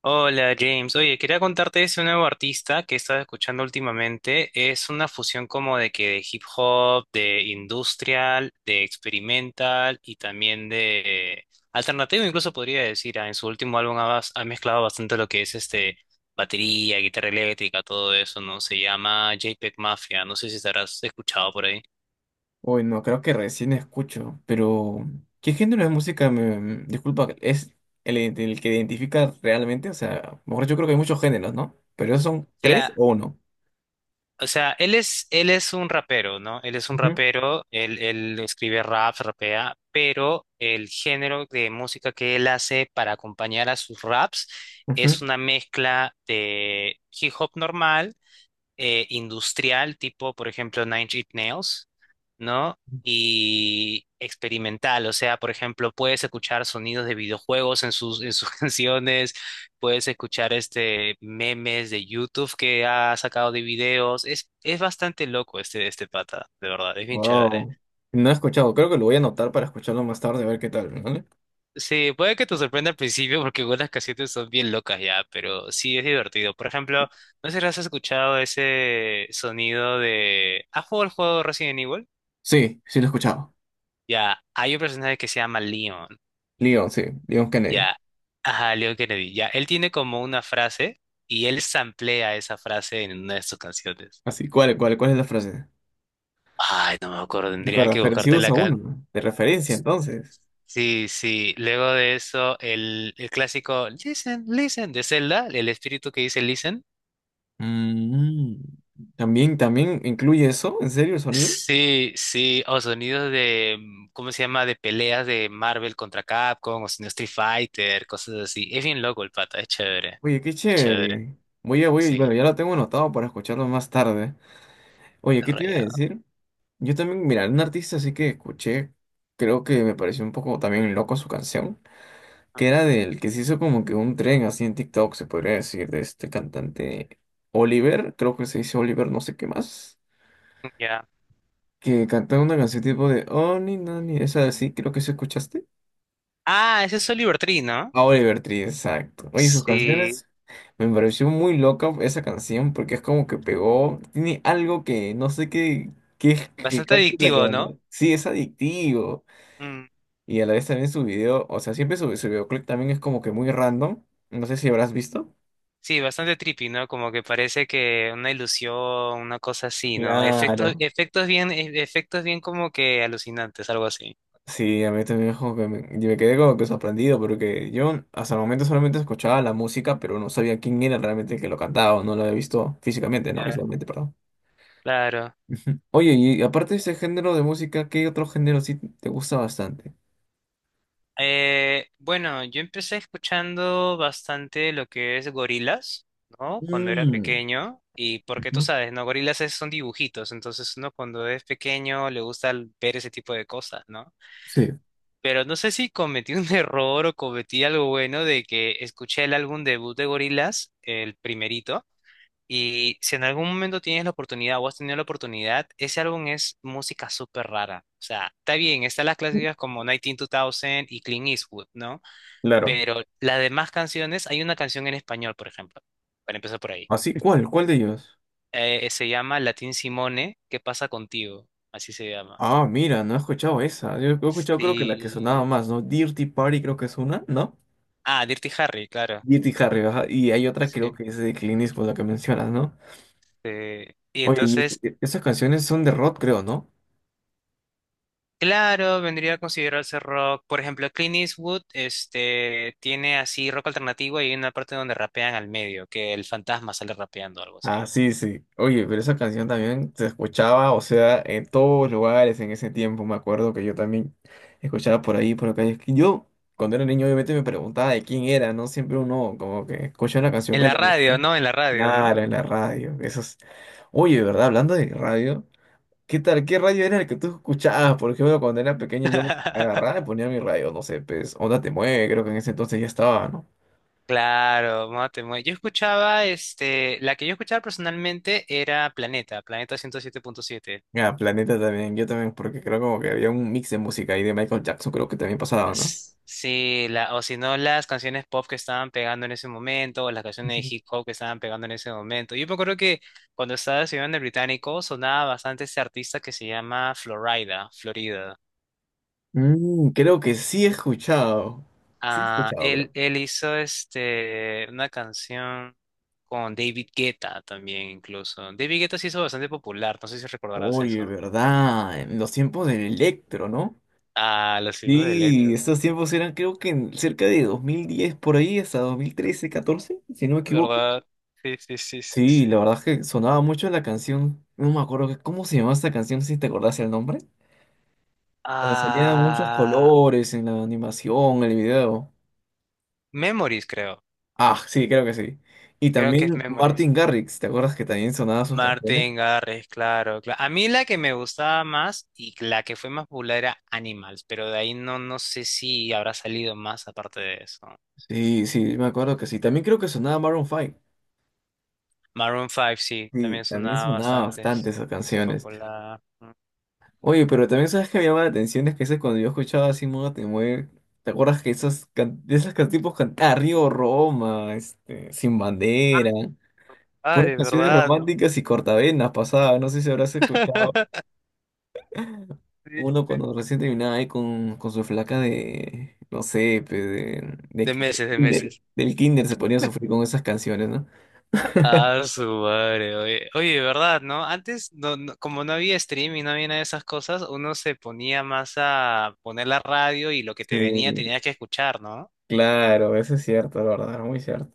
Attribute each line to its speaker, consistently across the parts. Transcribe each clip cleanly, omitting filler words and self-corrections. Speaker 1: Hola James, oye, quería contarte de ese nuevo artista que he estado escuchando últimamente. Es una fusión como de hip hop, de industrial, de experimental y también de alternativo, incluso podría decir. En su último álbum ha mezclado bastante lo que es este batería, guitarra eléctrica, todo eso, ¿no? Se llama JPEG Mafia, no sé si estarás escuchado por ahí.
Speaker 2: Uy, no, creo que recién escucho, pero ¿qué género de música me... Disculpa, ¿es el que identifica realmente? O sea, mejor yo creo que hay muchos géneros, ¿no? Pero esos son tres o uno.
Speaker 1: O sea, él es un rapero, ¿no? Él es un
Speaker 2: Ujú,
Speaker 1: rapero, él escribe rap, rapea, pero el género de música que él hace para acompañar a sus raps
Speaker 2: ujú.
Speaker 1: es una mezcla de hip hop normal, industrial, tipo, por ejemplo, Nine Inch Nails, ¿no? Y experimental, o sea, por ejemplo, puedes escuchar sonidos de videojuegos en sus canciones, puedes escuchar este memes de YouTube que ha sacado de videos. Es bastante loco este pata, de verdad, es bien chévere.
Speaker 2: Wow. No he escuchado, creo que lo voy a anotar para escucharlo más tarde, a ver qué tal, ¿vale?
Speaker 1: Sí, puede que te sorprenda al principio porque algunas canciones son bien locas ya, pero sí es divertido. Por ejemplo, no sé si has escuchado ese sonido de... ¿Has jugado el juego Resident Evil?
Speaker 2: Sí, sí lo he escuchado.
Speaker 1: Ya, hay un personaje que se llama Leon.
Speaker 2: Leon, sí, Leon Kennedy.
Speaker 1: Ya, ajá, Leon Kennedy. Ya, él tiene como una frase y él samplea esa frase en una de sus canciones.
Speaker 2: Así, ¿cuál es la frase?
Speaker 1: Ay, no me acuerdo,
Speaker 2: ¿De
Speaker 1: tendría
Speaker 2: acuerdo?
Speaker 1: que
Speaker 2: Pero sí
Speaker 1: buscarte la
Speaker 2: usa
Speaker 1: can...
Speaker 2: uno, de referencia, entonces.
Speaker 1: Sí, sí. Luego de eso, el clásico Listen, Listen de Zelda, el espíritu que dice Listen.
Speaker 2: Mm, ¿también incluye eso? ¿En serio el sonido?
Speaker 1: Sí, sí, o sonidos de, ¿cómo se llama? De peleas de Marvel contra Capcom, o sonidos Street Fighter, cosas así. Es bien loco el pata, es chévere.
Speaker 2: Oye, qué
Speaker 1: Es chévere,
Speaker 2: chévere.
Speaker 1: sí,
Speaker 2: Bueno, ya lo tengo anotado para escucharlo más tarde. Oye, ¿qué te iba a
Speaker 1: rayado.
Speaker 2: decir? Yo también, mira, un artista así que escuché, creo que me pareció un poco también loco su canción, que era del que se hizo como que un tren así en TikTok, se podría decir, de este cantante Oliver, creo que se dice Oliver no sé qué más,
Speaker 1: Ya.
Speaker 2: que cantaba una canción tipo de Oh, ni, no, ni, esa así, creo que se escuchaste.
Speaker 1: Ah, ese es Oliver Tree, ¿no?
Speaker 2: A Oliver Tree, exacto. Oye, sus
Speaker 1: Sí,
Speaker 2: canciones me pareció muy loca esa canción porque es como que pegó, tiene algo que no sé qué, qué es que
Speaker 1: bastante
Speaker 2: cacha la
Speaker 1: adictivo,
Speaker 2: cabana.
Speaker 1: ¿no?
Speaker 2: Sí, es adictivo.
Speaker 1: Mm,
Speaker 2: Y a la vez también su video, o sea, siempre su videoclip también es como que muy random. No sé si habrás visto.
Speaker 1: sí, bastante trippy, ¿no? Como que parece que una ilusión, una cosa así, ¿no? Efectos,
Speaker 2: Claro.
Speaker 1: efectos bien, efectos bien como que alucinantes, algo así.
Speaker 2: Sí, a mí también es como que yo me quedé como que sorprendido porque yo hasta el momento solamente escuchaba la música, pero no sabía quién era realmente el que lo cantaba, o no lo había visto físicamente, no,
Speaker 1: Ya.
Speaker 2: visualmente, perdón.
Speaker 1: Claro.
Speaker 2: Oye, y aparte de ese género de música, ¿qué otro género sí te gusta bastante?
Speaker 1: Bueno, yo empecé escuchando bastante lo que es gorilas, ¿no? Cuando era
Speaker 2: Mm,
Speaker 1: pequeño. Y porque tú
Speaker 2: ujú,
Speaker 1: sabes, ¿no? Gorilas son dibujitos, entonces uno cuando es pequeño le gusta ver ese tipo de cosas, ¿no?
Speaker 2: sí.
Speaker 1: Pero no sé si cometí un error o cometí algo bueno de que escuché el álbum debut de Gorillaz, el primerito, y si en algún momento tienes la oportunidad o has tenido la oportunidad, ese álbum es música súper rara. O sea, está bien, están las clásicas como 19-2000 y Clean Eastwood, ¿no?
Speaker 2: Claro.
Speaker 1: Pero las demás canciones, hay una canción en español, por ejemplo, para empezar por ahí.
Speaker 2: Así, ¿cuál? ¿Cuál de ellos?
Speaker 1: Se llama Latín Simone, ¿Qué pasa contigo? Así se llama.
Speaker 2: Ah, mira, no he escuchado esa. Yo he escuchado creo que la que sonaba
Speaker 1: Sí.
Speaker 2: más, ¿no? Dirty Party creo que es una, ¿no?
Speaker 1: Ah, Dirty Harry, claro.
Speaker 2: Dirty Harry, ajá. Y hay otra creo
Speaker 1: Sí.
Speaker 2: que es de Clint Eastwood, la que mencionas, ¿no?
Speaker 1: Este, y
Speaker 2: Oye, y
Speaker 1: entonces,
Speaker 2: esas canciones son de rock, creo, ¿no?
Speaker 1: claro, vendría a considerarse rock. Por ejemplo, Clint Eastwood, este, tiene así rock alternativo y hay una parte donde rapean al medio, que el fantasma sale rapeando o algo así.
Speaker 2: Ah, sí, sí. Oye, pero esa canción también se escuchaba, o sea, en todos lugares en ese tiempo. Me acuerdo que yo también escuchaba por ahí, por acá. Y es que yo, cuando era niño, obviamente me preguntaba de quién era, ¿no? Siempre uno como que escucha una canción
Speaker 1: En
Speaker 2: que
Speaker 1: la
Speaker 2: le gusta.
Speaker 1: radio, ¿no? En la radio, ¿no?
Speaker 2: Claro, en la radio. Eso es... Oye, de verdad, hablando de radio, ¿qué tal? ¿Qué radio era el que tú escuchabas? Por ejemplo, cuando era pequeño yo agarraba y ponía mi radio, no sé, pues, Onda Te Mueve, creo que en ese entonces ya estaba, ¿no?
Speaker 1: Claro, mate, yo escuchaba, este, la que yo escuchaba personalmente era Planeta, Planeta 107.7.
Speaker 2: Ah, Planeta también, yo también, porque creo como que había un mix de música ahí de Michael Jackson, creo que también pasaba, ¿no?
Speaker 1: Sí, o si no, las canciones pop que estaban pegando en ese momento, o las canciones
Speaker 2: Ujú.
Speaker 1: de hip hop que estaban pegando en ese momento. Yo me acuerdo que cuando estaba estudiando en el británico sonaba bastante este artista que se llama Florida, Florida.
Speaker 2: Mm, creo que sí he escuchado. Sí he
Speaker 1: Ah,
Speaker 2: escuchado,
Speaker 1: él,
Speaker 2: creo.
Speaker 1: él hizo este, una canción con David Guetta también, incluso. David Guetta se hizo bastante popular, no sé si recordarás
Speaker 2: Oye,
Speaker 1: eso.
Speaker 2: ¿verdad? En los tiempos del Electro, ¿no?
Speaker 1: Ah, los hijos de
Speaker 2: Sí,
Speaker 1: Electra, sí.
Speaker 2: estos tiempos eran creo que en cerca de 2010 por ahí, hasta 2013 14 si no me equivoco.
Speaker 1: ¿Verdad? Sí, sí, sí, sí,
Speaker 2: Sí, la
Speaker 1: sí.
Speaker 2: verdad es que sonaba mucho la canción. No me acuerdo que- cómo se llamaba esta canción, si te acordás el nombre. Donde salían muchos
Speaker 1: Ah,
Speaker 2: colores en la animación, en el video.
Speaker 1: Memories, creo.
Speaker 2: Ah, sí, creo que sí. Y
Speaker 1: Creo que es
Speaker 2: también
Speaker 1: Memories.
Speaker 2: Martin Garrix, ¿te acuerdas que también sonaba sus
Speaker 1: Martin
Speaker 2: canciones?
Speaker 1: Garrix, claro, claro. A mí la que me gustaba más y la que fue más popular era Animals, pero de ahí no, no sé si habrá salido más aparte de eso.
Speaker 2: Sí, sí, me acuerdo que sí. También creo que sonaba Maroon 5.
Speaker 1: Maroon 5, sí,
Speaker 2: Sí,
Speaker 1: también
Speaker 2: también
Speaker 1: sonaba
Speaker 2: sonaba
Speaker 1: bastante.
Speaker 2: bastante esas
Speaker 1: Se hizo
Speaker 2: canciones.
Speaker 1: popular.
Speaker 2: Oye, pero también sabes que me llama la atención es que ese cuando yo escuchaba así Moda Te Mueve, ¿te acuerdas que esos tipos cantaban Río Roma, este, Sin
Speaker 1: Ah,
Speaker 2: Bandera, puras
Speaker 1: padre,
Speaker 2: canciones
Speaker 1: ¿verdad? ¿No?
Speaker 2: románticas y cortavenas pasadas, no sé si habrás escuchado.
Speaker 1: Sí.
Speaker 2: Uno cuando recién terminaba ahí con su flaca de, no sé, pe,
Speaker 1: De meses, de
Speaker 2: kinder,
Speaker 1: meses.
Speaker 2: del kinder se ponía a sufrir con esas canciones, ¿no?
Speaker 1: Ah, su madre, oye, oye, ¿verdad? ¿No? Antes, como no había streaming, no había nada de esas cosas, uno se ponía más a poner la radio y lo que te venía
Speaker 2: Sí,
Speaker 1: tenías que escuchar, ¿no?
Speaker 2: claro, eso es cierto, la verdad, muy cierto.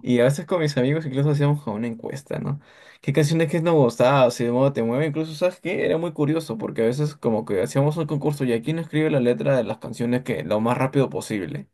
Speaker 2: Y a veces con mis amigos incluso hacíamos como una encuesta, ¿no? ¿Qué canciones que nos gustaba? O si de modo te mueve, incluso, ¿sabes qué? Era muy curioso, porque a veces como que hacíamos un concurso y aquí no escribe la letra de las canciones que lo más rápido posible,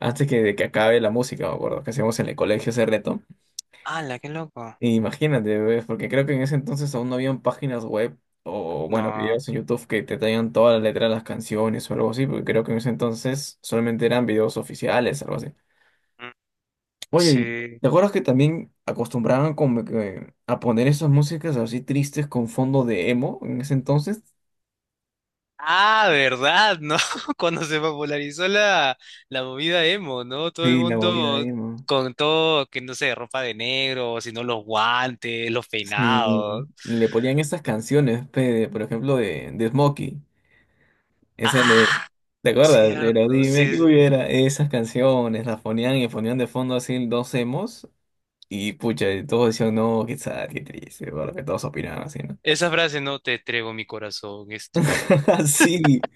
Speaker 2: antes que, de que acabe la música, me acuerdo, que hacíamos en el colegio ese reto.
Speaker 1: ¡Hala, qué loco!
Speaker 2: Imagínate, ¿ves? Porque creo que en ese entonces aún no habían páginas web o, bueno,
Speaker 1: No,
Speaker 2: videos en YouTube que te traigan toda la letra de las canciones o algo así, porque creo que en ese entonces solamente eran videos oficiales, algo así.
Speaker 1: mm,
Speaker 2: Oye, ¿y
Speaker 1: sí.
Speaker 2: ¿te acuerdas que también acostumbraban como que a poner esas músicas así tristes con fondo de emo en ese entonces?
Speaker 1: Ah, ¿verdad? ¿No? Cuando se popularizó la movida emo, ¿no? Todo el
Speaker 2: Sí, la movida
Speaker 1: mundo
Speaker 2: emo.
Speaker 1: con todo, que no sé, ropa de negro, sino los guantes, los
Speaker 2: Sí,
Speaker 1: peinados.
Speaker 2: y le ponían estas canciones, pe, de- por ejemplo, de Smokey. Ese le-
Speaker 1: Ah,
Speaker 2: ¿Te acuerdas? Pero
Speaker 1: cierto,
Speaker 2: dime
Speaker 1: sí,
Speaker 2: que
Speaker 1: sí.
Speaker 2: hubiera esas canciones, las ponían y ponían de fondo así dos emos y pucha, y todos decían, no, qué sad, qué triste, porque todos opinaban así, ¿no?
Speaker 1: Esa frase, no te entrego mi corazón, es tuyo.
Speaker 2: Sí,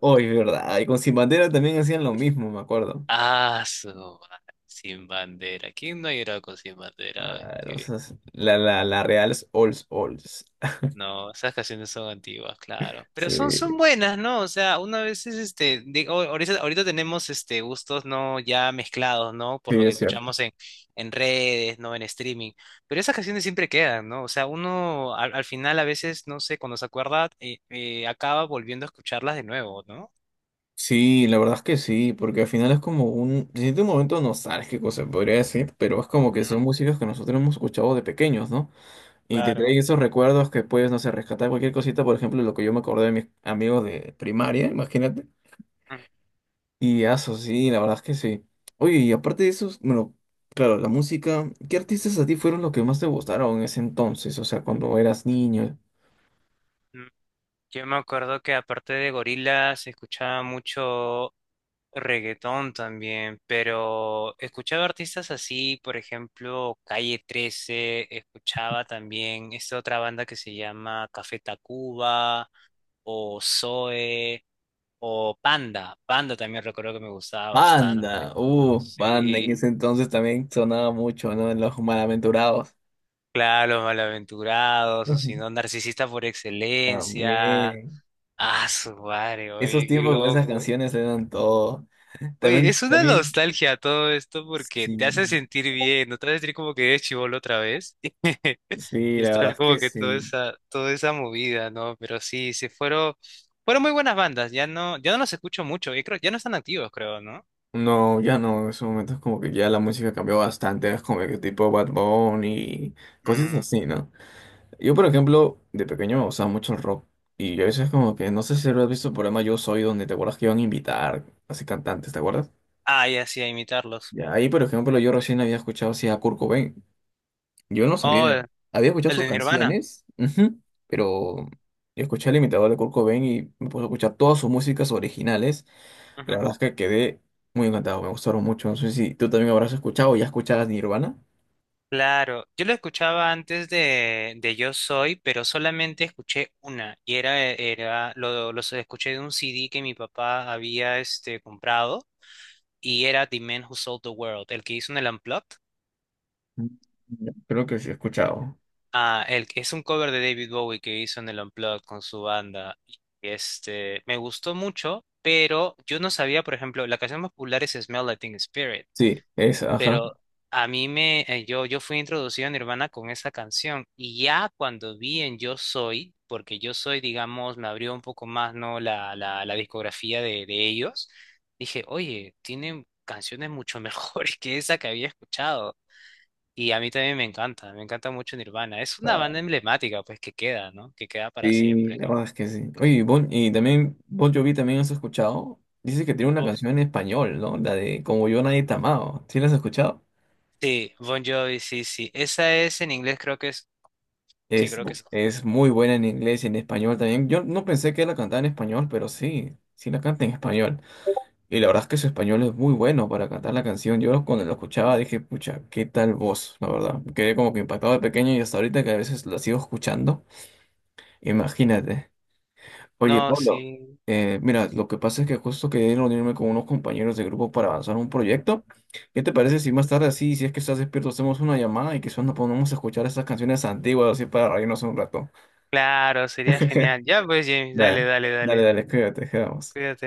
Speaker 2: hoy, ¿verdad? Y con Sin Bandera también hacían lo mismo, me acuerdo.
Speaker 1: Ah, su madre, sin bandera. ¿Quién no ha llorado con sin bandera?
Speaker 2: Ah, no sé, la Real Ols Ols.
Speaker 1: No, esas canciones son antiguas, claro. Pero son
Speaker 2: Sí,
Speaker 1: buenas, ¿no? O sea, una vez es este, digo, ahorita, ahorita tenemos este gustos no ya mezclados, ¿no? Por
Speaker 2: sí,
Speaker 1: lo que
Speaker 2: es cierto.
Speaker 1: escuchamos en, redes, ¿no? En streaming. Pero esas canciones siempre quedan, ¿no? O sea, uno al final a veces, no sé, cuando se acuerda, acaba volviendo a escucharlas de nuevo, ¿no?
Speaker 2: Sí, la verdad es que sí, porque al final es como un, se siente un momento nostálgico, se podría decir, pero es como que son
Speaker 1: Mm.
Speaker 2: músicas que nosotros hemos escuchado de pequeños, ¿no? Y te
Speaker 1: Claro.
Speaker 2: traen esos recuerdos que puedes, no sé, rescatar cualquier cosita, por ejemplo, lo que yo me acordé de mis amigos de primaria, imagínate.
Speaker 1: Mm,
Speaker 2: Y eso, sí, la verdad es que sí. Oye, y aparte de eso, bueno, claro, la música, ¿qué artistas a ti fueron los que más te gustaron en ese entonces? O sea, cuando eras niño.
Speaker 1: mm. Yo me acuerdo que aparte de gorilas se escuchaba mucho reggaetón también, pero escuchaba artistas así, por ejemplo, Calle 13 escuchaba también esta otra banda que se llama Café Tacuba o Zoe o Panda. Panda también recuerdo que me gustaba
Speaker 2: Banda,
Speaker 1: bastante.
Speaker 2: banda, en ese
Speaker 1: Sí,
Speaker 2: entonces también sonaba mucho, ¿no? En Los Malaventurados.
Speaker 1: claro, Los Malaventurados, o
Speaker 2: Ujú.
Speaker 1: si no, Narcisista por excelencia.
Speaker 2: También.
Speaker 1: Ah, su madre,
Speaker 2: Esos
Speaker 1: oye, qué
Speaker 2: tiempos con esas
Speaker 1: loco.
Speaker 2: canciones eran todo.
Speaker 1: Oye,
Speaker 2: También,
Speaker 1: es una
Speaker 2: también,
Speaker 1: nostalgia todo esto porque
Speaker 2: sí,
Speaker 1: te hace sentir bien, no te hace sentir como que eres chibolo otra vez.
Speaker 2: sí,
Speaker 1: Y
Speaker 2: la verdad
Speaker 1: está
Speaker 2: es
Speaker 1: como
Speaker 2: que
Speaker 1: que toda
Speaker 2: sí.
Speaker 1: esa, toda esa movida, ¿no? Pero sí, fueron muy buenas bandas, ya no los escucho mucho, y creo, ya no están activos, creo, ¿no?
Speaker 2: No, ya no, en esos momentos como que ya la música cambió bastante, es como que tipo Bad Bunny y cosas
Speaker 1: Mm.
Speaker 2: así, ¿no? Yo, por ejemplo, de pequeño me gustaba mucho el rock y a veces como que, no sé si lo has visto el programa Yo Soy, donde te acuerdas que iban a invitar así cantantes, ¿te acuerdas?
Speaker 1: Ah, ya sí, a imitarlos.
Speaker 2: Y ahí, por ejemplo, yo recién había escuchado así a Kurt Cobain, yo no sabía,
Speaker 1: Oh,
Speaker 2: había escuchado
Speaker 1: el
Speaker 2: sus
Speaker 1: de Nirvana.
Speaker 2: canciones, ujú, pero yo escuché al imitador de Kurt Cobain y me puse a escuchar todas sus músicas originales la
Speaker 1: Ujú.
Speaker 2: verdad es que quedé muy encantado, me gustaron mucho. No sé si tú también habrás escuchado o ya escucharás Nirvana.
Speaker 1: Claro, yo lo escuchaba antes de Yo Soy, pero solamente escuché una, y los escuché de un CD que mi papá había este comprado. Y era The Man Who Sold the World, el que hizo en el Unplugged.
Speaker 2: Mm. Creo que sí he escuchado.
Speaker 1: Ah, es un cover de David Bowie que hizo en el Unplugged con su banda. Y, este, me gustó mucho, pero yo no sabía, por ejemplo, la canción más popular es Smell Like Teen Spirit,
Speaker 2: Sí, es, ajá.
Speaker 1: pero a mí me, yo fui introducido a Nirvana con esa canción y ya cuando vi en Yo Soy, porque Yo Soy, digamos, me abrió un poco más, ¿no? La discografía de ellos, dije, oye, tienen canciones mucho mejores que esa que había escuchado. Y a mí también me encanta mucho Nirvana. Es una
Speaker 2: Ah,
Speaker 1: banda emblemática, pues que queda, ¿no? Que queda para
Speaker 2: sí,
Speaker 1: siempre.
Speaker 2: la verdad es que sí. Oye, y Bon Jovi también has escuchado. Dice que tiene una
Speaker 1: Oh,
Speaker 2: canción en español, ¿no? La de Como yo nadie te ha amado. ¿Sí la has escuchado?
Speaker 1: sí, Bon Jovi, sí, sí. Esa es en inglés, creo que es. Sí, creo que es.
Speaker 2: Es muy buena en inglés y en español también. Yo no pensé que la cantaba en español, pero sí, sí la canta en español. Y la verdad es que su español es muy bueno para cantar la canción. Yo cuando lo escuchaba dije, pucha, qué tal voz, la verdad. Quedé como que impactado de pequeño y hasta ahorita que a veces la sigo escuchando. Imagínate. Oye,
Speaker 1: No,
Speaker 2: Pablo,
Speaker 1: sí.
Speaker 2: mira, lo que pasa es que justo quería reunirme con unos compañeros de grupo para avanzar un proyecto. ¿Qué te parece si más tarde así, si es que estás despierto, hacemos una llamada y quizás nos ponemos a escuchar esas canciones antiguas así para reírnos un rato?
Speaker 1: Claro, sería genial. Ya, pues, James, dale,
Speaker 2: Dale,
Speaker 1: dale,
Speaker 2: dale,
Speaker 1: dale.
Speaker 2: dale, cuídate, quedamos.
Speaker 1: Cuídate.